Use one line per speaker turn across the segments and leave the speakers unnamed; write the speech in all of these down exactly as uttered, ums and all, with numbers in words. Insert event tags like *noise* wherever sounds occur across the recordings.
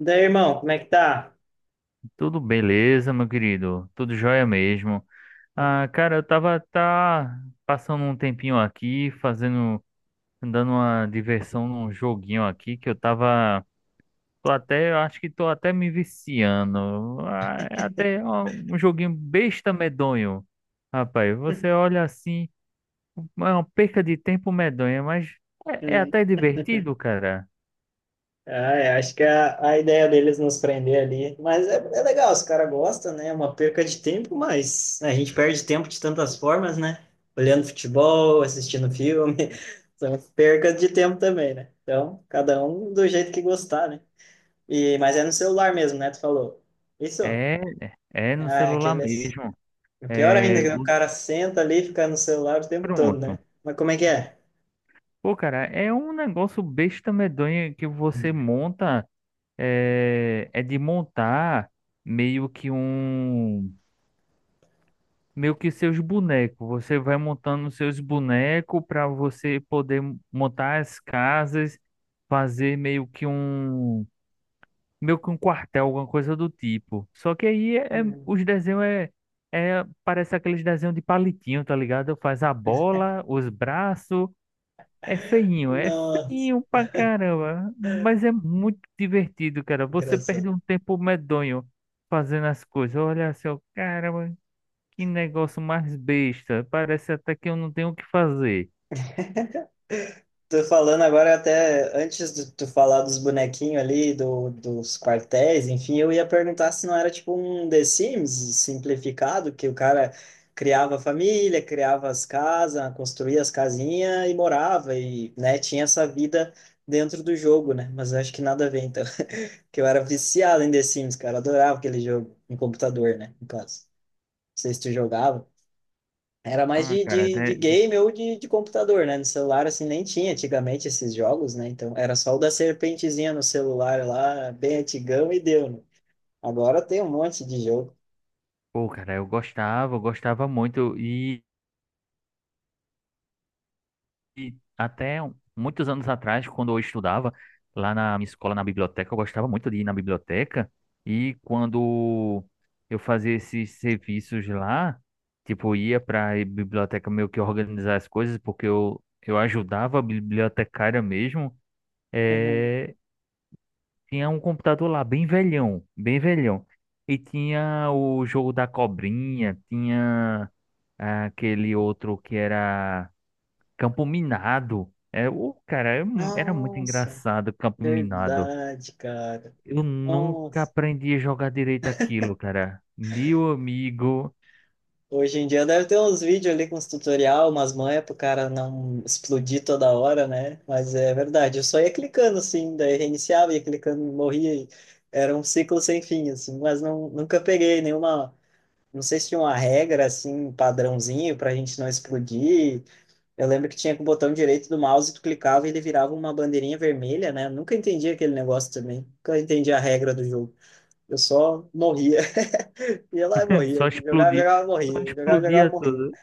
Daí, irmão, como é que tá?
Tudo beleza, meu querido? Tudo jóia mesmo. Ah, cara, eu tava tá passando um tempinho aqui, fazendo, dando uma diversão num joguinho aqui que eu tava, tô até, eu acho que tô até me viciando. Ah, é até
*laughs*
ó, um joguinho besta medonho. Rapaz, você olha assim, é uma perca de tempo medonha, mas é, é
Hum.
até divertido, cara.
Ah, eu acho que é a, a ideia deles nos prender ali. Mas é, é legal, os caras gostam, né? É uma perca de tempo, mas né, a gente perde tempo de tantas formas, né? Olhando futebol, assistindo filme. *laughs* São percas de tempo também, né? Então, cada um do jeito que gostar, né? E, mas é no celular mesmo, né? Tu falou. Isso?
É, é no
Ah, é
celular
aqueles.
mesmo.
O pior ainda,
É,
é que o
o-
cara senta ali e fica no celular o tempo todo,
pronto.
né? Mas como é que é?
Pô, cara, é um negócio besta medonha que você monta, é, é de montar meio que um, meio que seus bonecos. Você vai montando seus bonecos para você poder montar as casas, fazer meio que um, meio que um quartel, alguma coisa do tipo. Só que aí é, é-
Hum.
os desenhos é, é, parece aqueles desenhos de palitinho, tá ligado? Faz a bola, os braços. É feinho, é
Nossa.
feinho pra caramba, mas é muito divertido, cara. Você
Engraçado.
perde um tempo medonho fazendo as coisas. Olha assim, ó, caramba, que negócio mais besta. Parece até que eu não tenho o que fazer.
*laughs* Tô falando agora até antes de tu falar dos bonequinhos ali, do, dos quartéis, enfim, eu ia perguntar se não era tipo um The Sims simplificado, que o cara criava a família, criava as casas, construía as casinhas e morava e, né, tinha essa vida dentro do jogo, né? Mas eu acho que nada a ver, então, *laughs* que eu era viciado em The Sims, cara, adorava aquele jogo em computador, né, no caso. Não sei se tu jogava. Era mais
Ah,
de,
cara,
de, de
né, né.
game ou de, de computador, né? No celular, assim, nem tinha antigamente esses jogos, né? Então, era só o da serpentezinha no celular lá, bem antigão, e deu, né? Agora tem um monte de jogo.
Pô, cara, eu gostava, eu gostava muito e E até um- muitos anos atrás, quando eu estudava lá na minha escola, na biblioteca, eu gostava muito de ir na biblioteca. E quando eu fazia esses serviços lá, tipo, ia para a biblioteca meio que organizar as coisas, porque eu, eu ajudava a bibliotecária mesmo.
Uhum.
eh, Tinha um computador lá, bem velhão, bem velhão. E tinha o jogo da cobrinha, tinha ah, aquele outro que era. Campo Minado. É, o cara, é mu- era muito
Nossa,
engraçado, Campo Minado.
verdade, cara.
Eu nunca
Nossa.
aprendi a jogar direito aquilo, cara. Meu amigo,
Hoje em dia deve ter uns vídeos ali com os tutorial, umas manhas pro cara não explodir toda hora, né? Mas é verdade, eu só ia clicando, assim, daí reiniciava, ia clicando, morria. E era um ciclo sem fim, assim, mas não, nunca peguei nenhuma. Não sei se tinha uma regra, assim, um padrãozinho pra gente não explodir. Eu lembro que tinha com o botão direito do mouse, tu clicava e ele virava uma bandeirinha vermelha, né? Eu nunca entendi aquele negócio também. Nunca entendi a regra do jogo. Eu só morria. *laughs* Ia lá e
*laughs* só
morria. Jogava,
explodia,
jogava,
só
morria. Jogava, jogava,
explodia
morria.
tudo.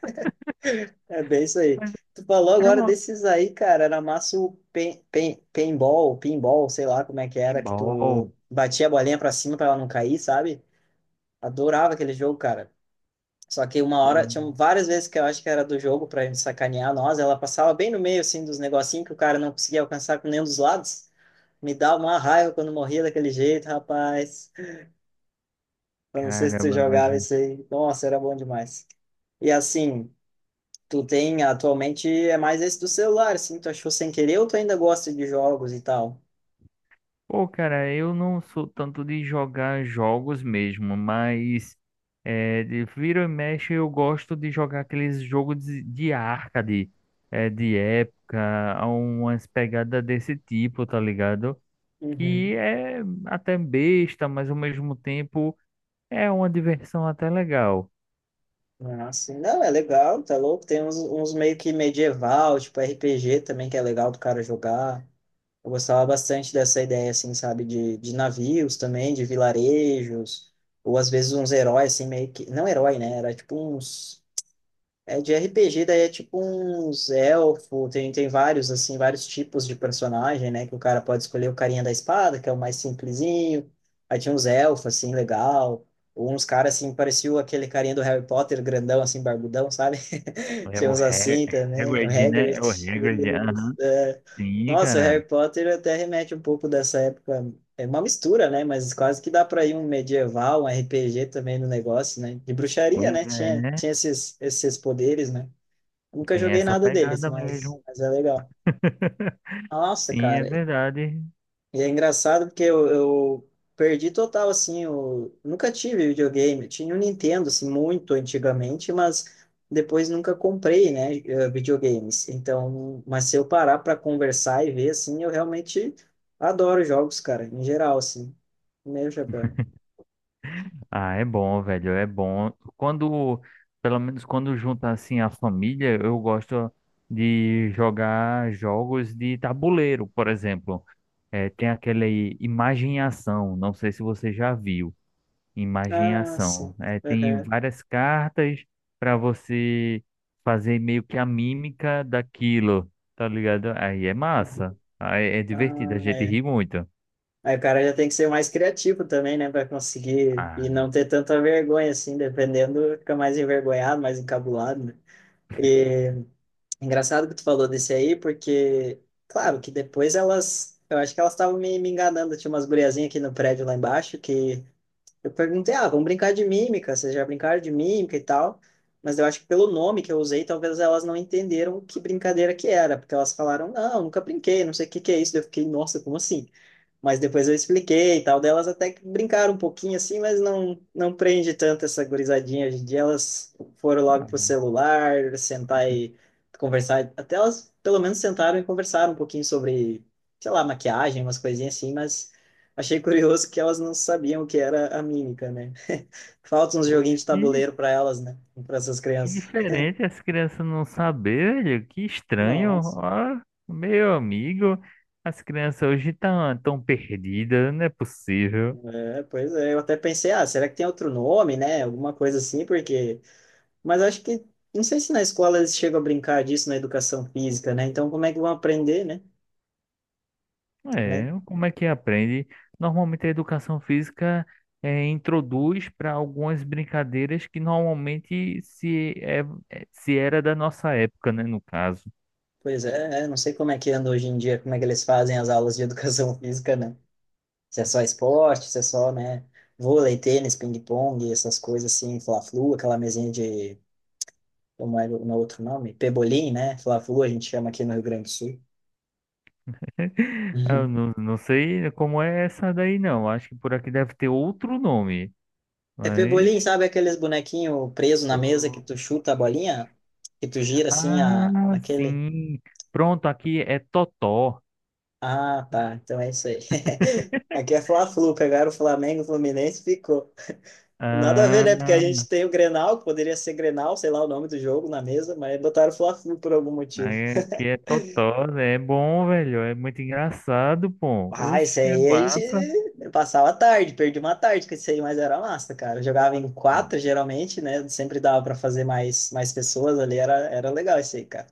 É bem isso aí.
Mas
Tu falou
era
agora
uma
desses aí, cara. Era massa o pen, pen, paintball, pinball, sei lá como é que era, que
pinball,
tu batia a bolinha pra cima pra ela não cair, sabe? Adorava aquele jogo, cara. Só que uma hora, tinham
um-
várias vezes que eu acho que era do jogo pra gente sacanear nós, ela passava bem no meio, assim, dos negocinhos que o cara não conseguia alcançar com nenhum dos lados. Me dá uma raiva quando morria daquele jeito, rapaz. Eu não sei se tu
caramba.
jogava isso aí. Nossa, era bom demais. E assim, tu tem, atualmente, é mais esse do celular, assim, tu achou sem querer ou tu ainda gosta de jogos e tal?
Pô, cara, eu não sou tanto de jogar jogos mesmo, mas é, de vira e mexe eu gosto de jogar aqueles jogos de, de arcade, é, de época, há umas pegadas desse tipo, tá ligado?
Uhum.
Que é até besta, mas ao mesmo tempo é uma diversão até legal.
Ah, sim. Não, é legal, tá louco. Tem uns, uns meio que medieval, tipo R P G também, que é legal do cara jogar. Eu gostava bastante dessa ideia, assim, sabe, de, de navios também, de vilarejos, ou às vezes uns heróis, assim, meio que... Não herói, né? Era tipo uns... É de R P G, daí é tipo uns elfo, tem, tem vários, assim, vários tipos de personagem, né? Que o cara pode escolher o carinha da espada, que é o mais simplesinho. Aí tinha uns elfos, assim, legal. Ou uns caras, assim, parecia aquele carinha do Harry Potter, grandão, assim, barbudão, sabe?
É
Tinha
o
uns
Hag-
assim também, o
Hagrid, né? É o
Hagrid.
Hagrid,
Eles,
aham.
é...
Sim,
Nossa, o
cara.
Harry Potter até remete um pouco dessa época. É uma mistura, né? Mas quase que dá para ir um medieval, um R P G também no negócio, né? De bruxaria,
Pois
né?
é,
Tinha,
né?
tinha esses, esses poderes, né? Nunca
Tem
joguei
essa
nada deles,
pegada
mas,
mesmo.
mas é legal.
*laughs*
Nossa,
Sim, é
cara,
verdade.
e é engraçado porque eu, eu perdi total, assim, eu nunca tive videogame. Eu tinha um Nintendo, assim, muito antigamente, mas depois nunca comprei, né, eh, videogames. Então, mas se eu parar para conversar e ver, assim, eu realmente adoro jogos, cara, em geral, assim. Meu chapéu.
Ah, é bom, velho, é bom. Quando, pelo menos quando junta assim a família, eu gosto de jogar jogos de tabuleiro, por exemplo. É, tem aquele Imagem e Ação, não sei se você já viu, Imagem e
Ah, sim.
Ação. É, tem
Aham.
várias cartas para você fazer meio que a mímica daquilo, tá ligado? Aí é
Uhum.
massa, aí é divertido, a
Ah,
gente
é.
ri muito.
Aí o cara já tem que ser mais criativo também, né, para conseguir e
Ah.
não ter tanta vergonha, assim, dependendo, fica mais envergonhado, mais encabulado, né? E engraçado que tu falou desse aí, porque, claro, que depois elas, eu acho que elas estavam me, me enganando. Tinha umas guriazinhas aqui no prédio lá embaixo que eu perguntei, ah, vamos brincar de mímica, vocês já brincaram de mímica e tal. Mas eu acho que pelo nome que eu usei, talvez elas não entenderam que brincadeira que era, porque elas falaram, não, nunca brinquei, não sei o que que é isso. Daí eu fiquei, nossa, como assim? Mas depois eu expliquei e tal, delas até que brincaram um pouquinho assim, mas não não prende tanto essa gurizadinha hoje em dia. Elas foram logo pro
Ah,
celular, sentar e conversar. Até elas pelo menos sentaram e conversaram um pouquinho sobre, sei lá, maquiagem, umas coisinhas assim, mas achei curioso que elas não sabiam o que era a mímica, né? *laughs* Falta uns joguinhos de tabuleiro para elas, né? Para essas
que
crianças.
diferente as crianças não saber, velho. Que estranho.
Nossa,
Ó, meu amigo, as crianças hoje estão tão tão perdidas, não é possível.
é, pois é, eu até pensei, ah, será que tem outro nome, né? Alguma coisa assim, porque... Mas acho que, não sei se na escola eles chegam a brincar disso na educação física, né? Então, como é que vão aprender, né? Também.
É, como é que aprende? Normalmente a educação física é, introduz para algumas brincadeiras que normalmente se, é, é- se era da nossa época, né, no caso.
Pois é, é, não sei como é que anda hoje em dia, como é que eles fazem as aulas de *laughs* educação física, né? Se é só esporte, se é só, né? Vôlei, tênis, ping-pong, essas coisas assim, fla-flu, aquela mesinha de, como é o no outro nome? Pebolim, né? Fla-flu a gente chama aqui no Rio Grande do Sul.
*laughs* Eu
Uhum.
não, não sei como é essa daí, não. Acho que por aqui deve ter outro nome,
É
mas.
pebolim, sabe aqueles bonequinhos presos na mesa que tu chuta a bolinha? Que tu gira assim, a,
Ah,
aquele...
sim. Pronto, aqui é Totó.
Ah, tá. Então é isso aí. *laughs* Aqui é Fla-Flu. Pegaram o Flamengo, o Fluminense e ficou. Nada a ver,
Ah,
né? Porque a gente tem o Grenal, que poderia ser Grenal, sei lá o nome do jogo na mesa, mas botaram o Fla-Flu por algum motivo.
aqui é Totó, né? É bom, velho. É muito engraçado, pô.
Ah, isso
Oxe, é
aí a
massa.
gente passava a tarde, perdi uma tarde com isso aí, mas era massa, cara. Eu jogava em quatro, geralmente, né? Sempre dava para fazer mais, mais pessoas ali, era, era legal isso aí, cara.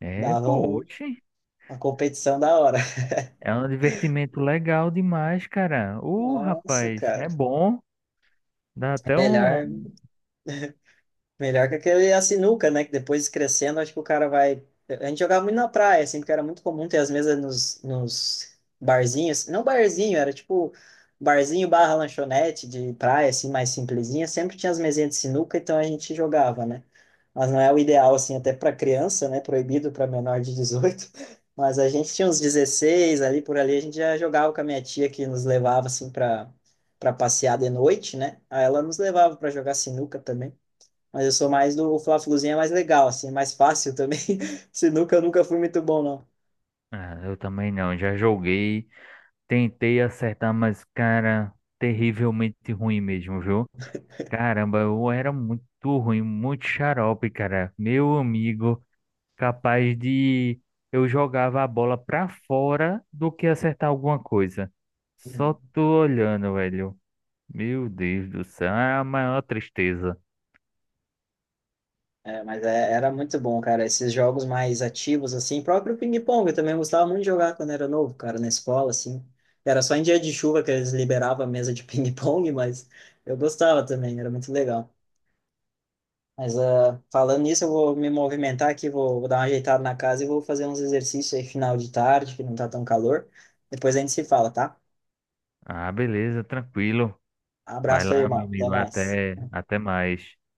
É,
Dava
pô,
um-
oxe.
uma competição da hora. *laughs*
É um divertimento legal demais, cara. Ô,
Nossa,
rapaz,
cara.
é bom. Dá
É
até um.
Melhor, Melhor que aquele a sinuca, né? Que depois crescendo, acho que o cara vai. A gente jogava muito na praia, assim, porque era muito comum ter as mesas nos, nos barzinhos. Não barzinho, era tipo barzinho barra lanchonete de praia, assim, mais simplesinha. Sempre tinha as mesinhas de sinuca, então a gente jogava, né? Mas não é o ideal, assim, até para criança, né? Proibido para menor de dezoito. *laughs* Mas a gente tinha uns dezesseis ali por ali, a gente já jogava com a minha tia que nos levava, assim, para para passear de noite, né? Aí ela nos levava para jogar sinuca também. Mas eu sou mais do. O Fla-Fluzinho é mais legal, assim, é mais fácil também. *laughs* Sinuca eu nunca fui muito bom, não.
Ah, eu também não. Já joguei. Tentei acertar, mas, cara, terrivelmente ruim mesmo, viu? Caramba, eu era muito ruim, muito xarope, cara. Meu amigo. Capaz de eu jogava a bola pra fora do que acertar alguma coisa. Só
Uhum.
tô olhando, velho. Meu Deus do céu, é a maior tristeza.
É, mas é- era muito bom, cara. Esses jogos mais ativos, assim, próprio ping-pong, eu também gostava muito de jogar quando era novo, cara, na escola, assim. Era só em dia de chuva que eles liberavam a mesa de *laughs* ping-pong, mas eu gostava também, era muito legal. Mas ah, falando nisso, eu vou me movimentar aqui, vou, vou dar uma ajeitada na casa e vou fazer uns exercícios aí final de tarde, que não tá tão calor. Depois a gente se fala, tá?
Ah, beleza, tranquilo. Vai
Abraço aí,
lá, meu
irmão. Até
amigo,
mais.
até, até mais.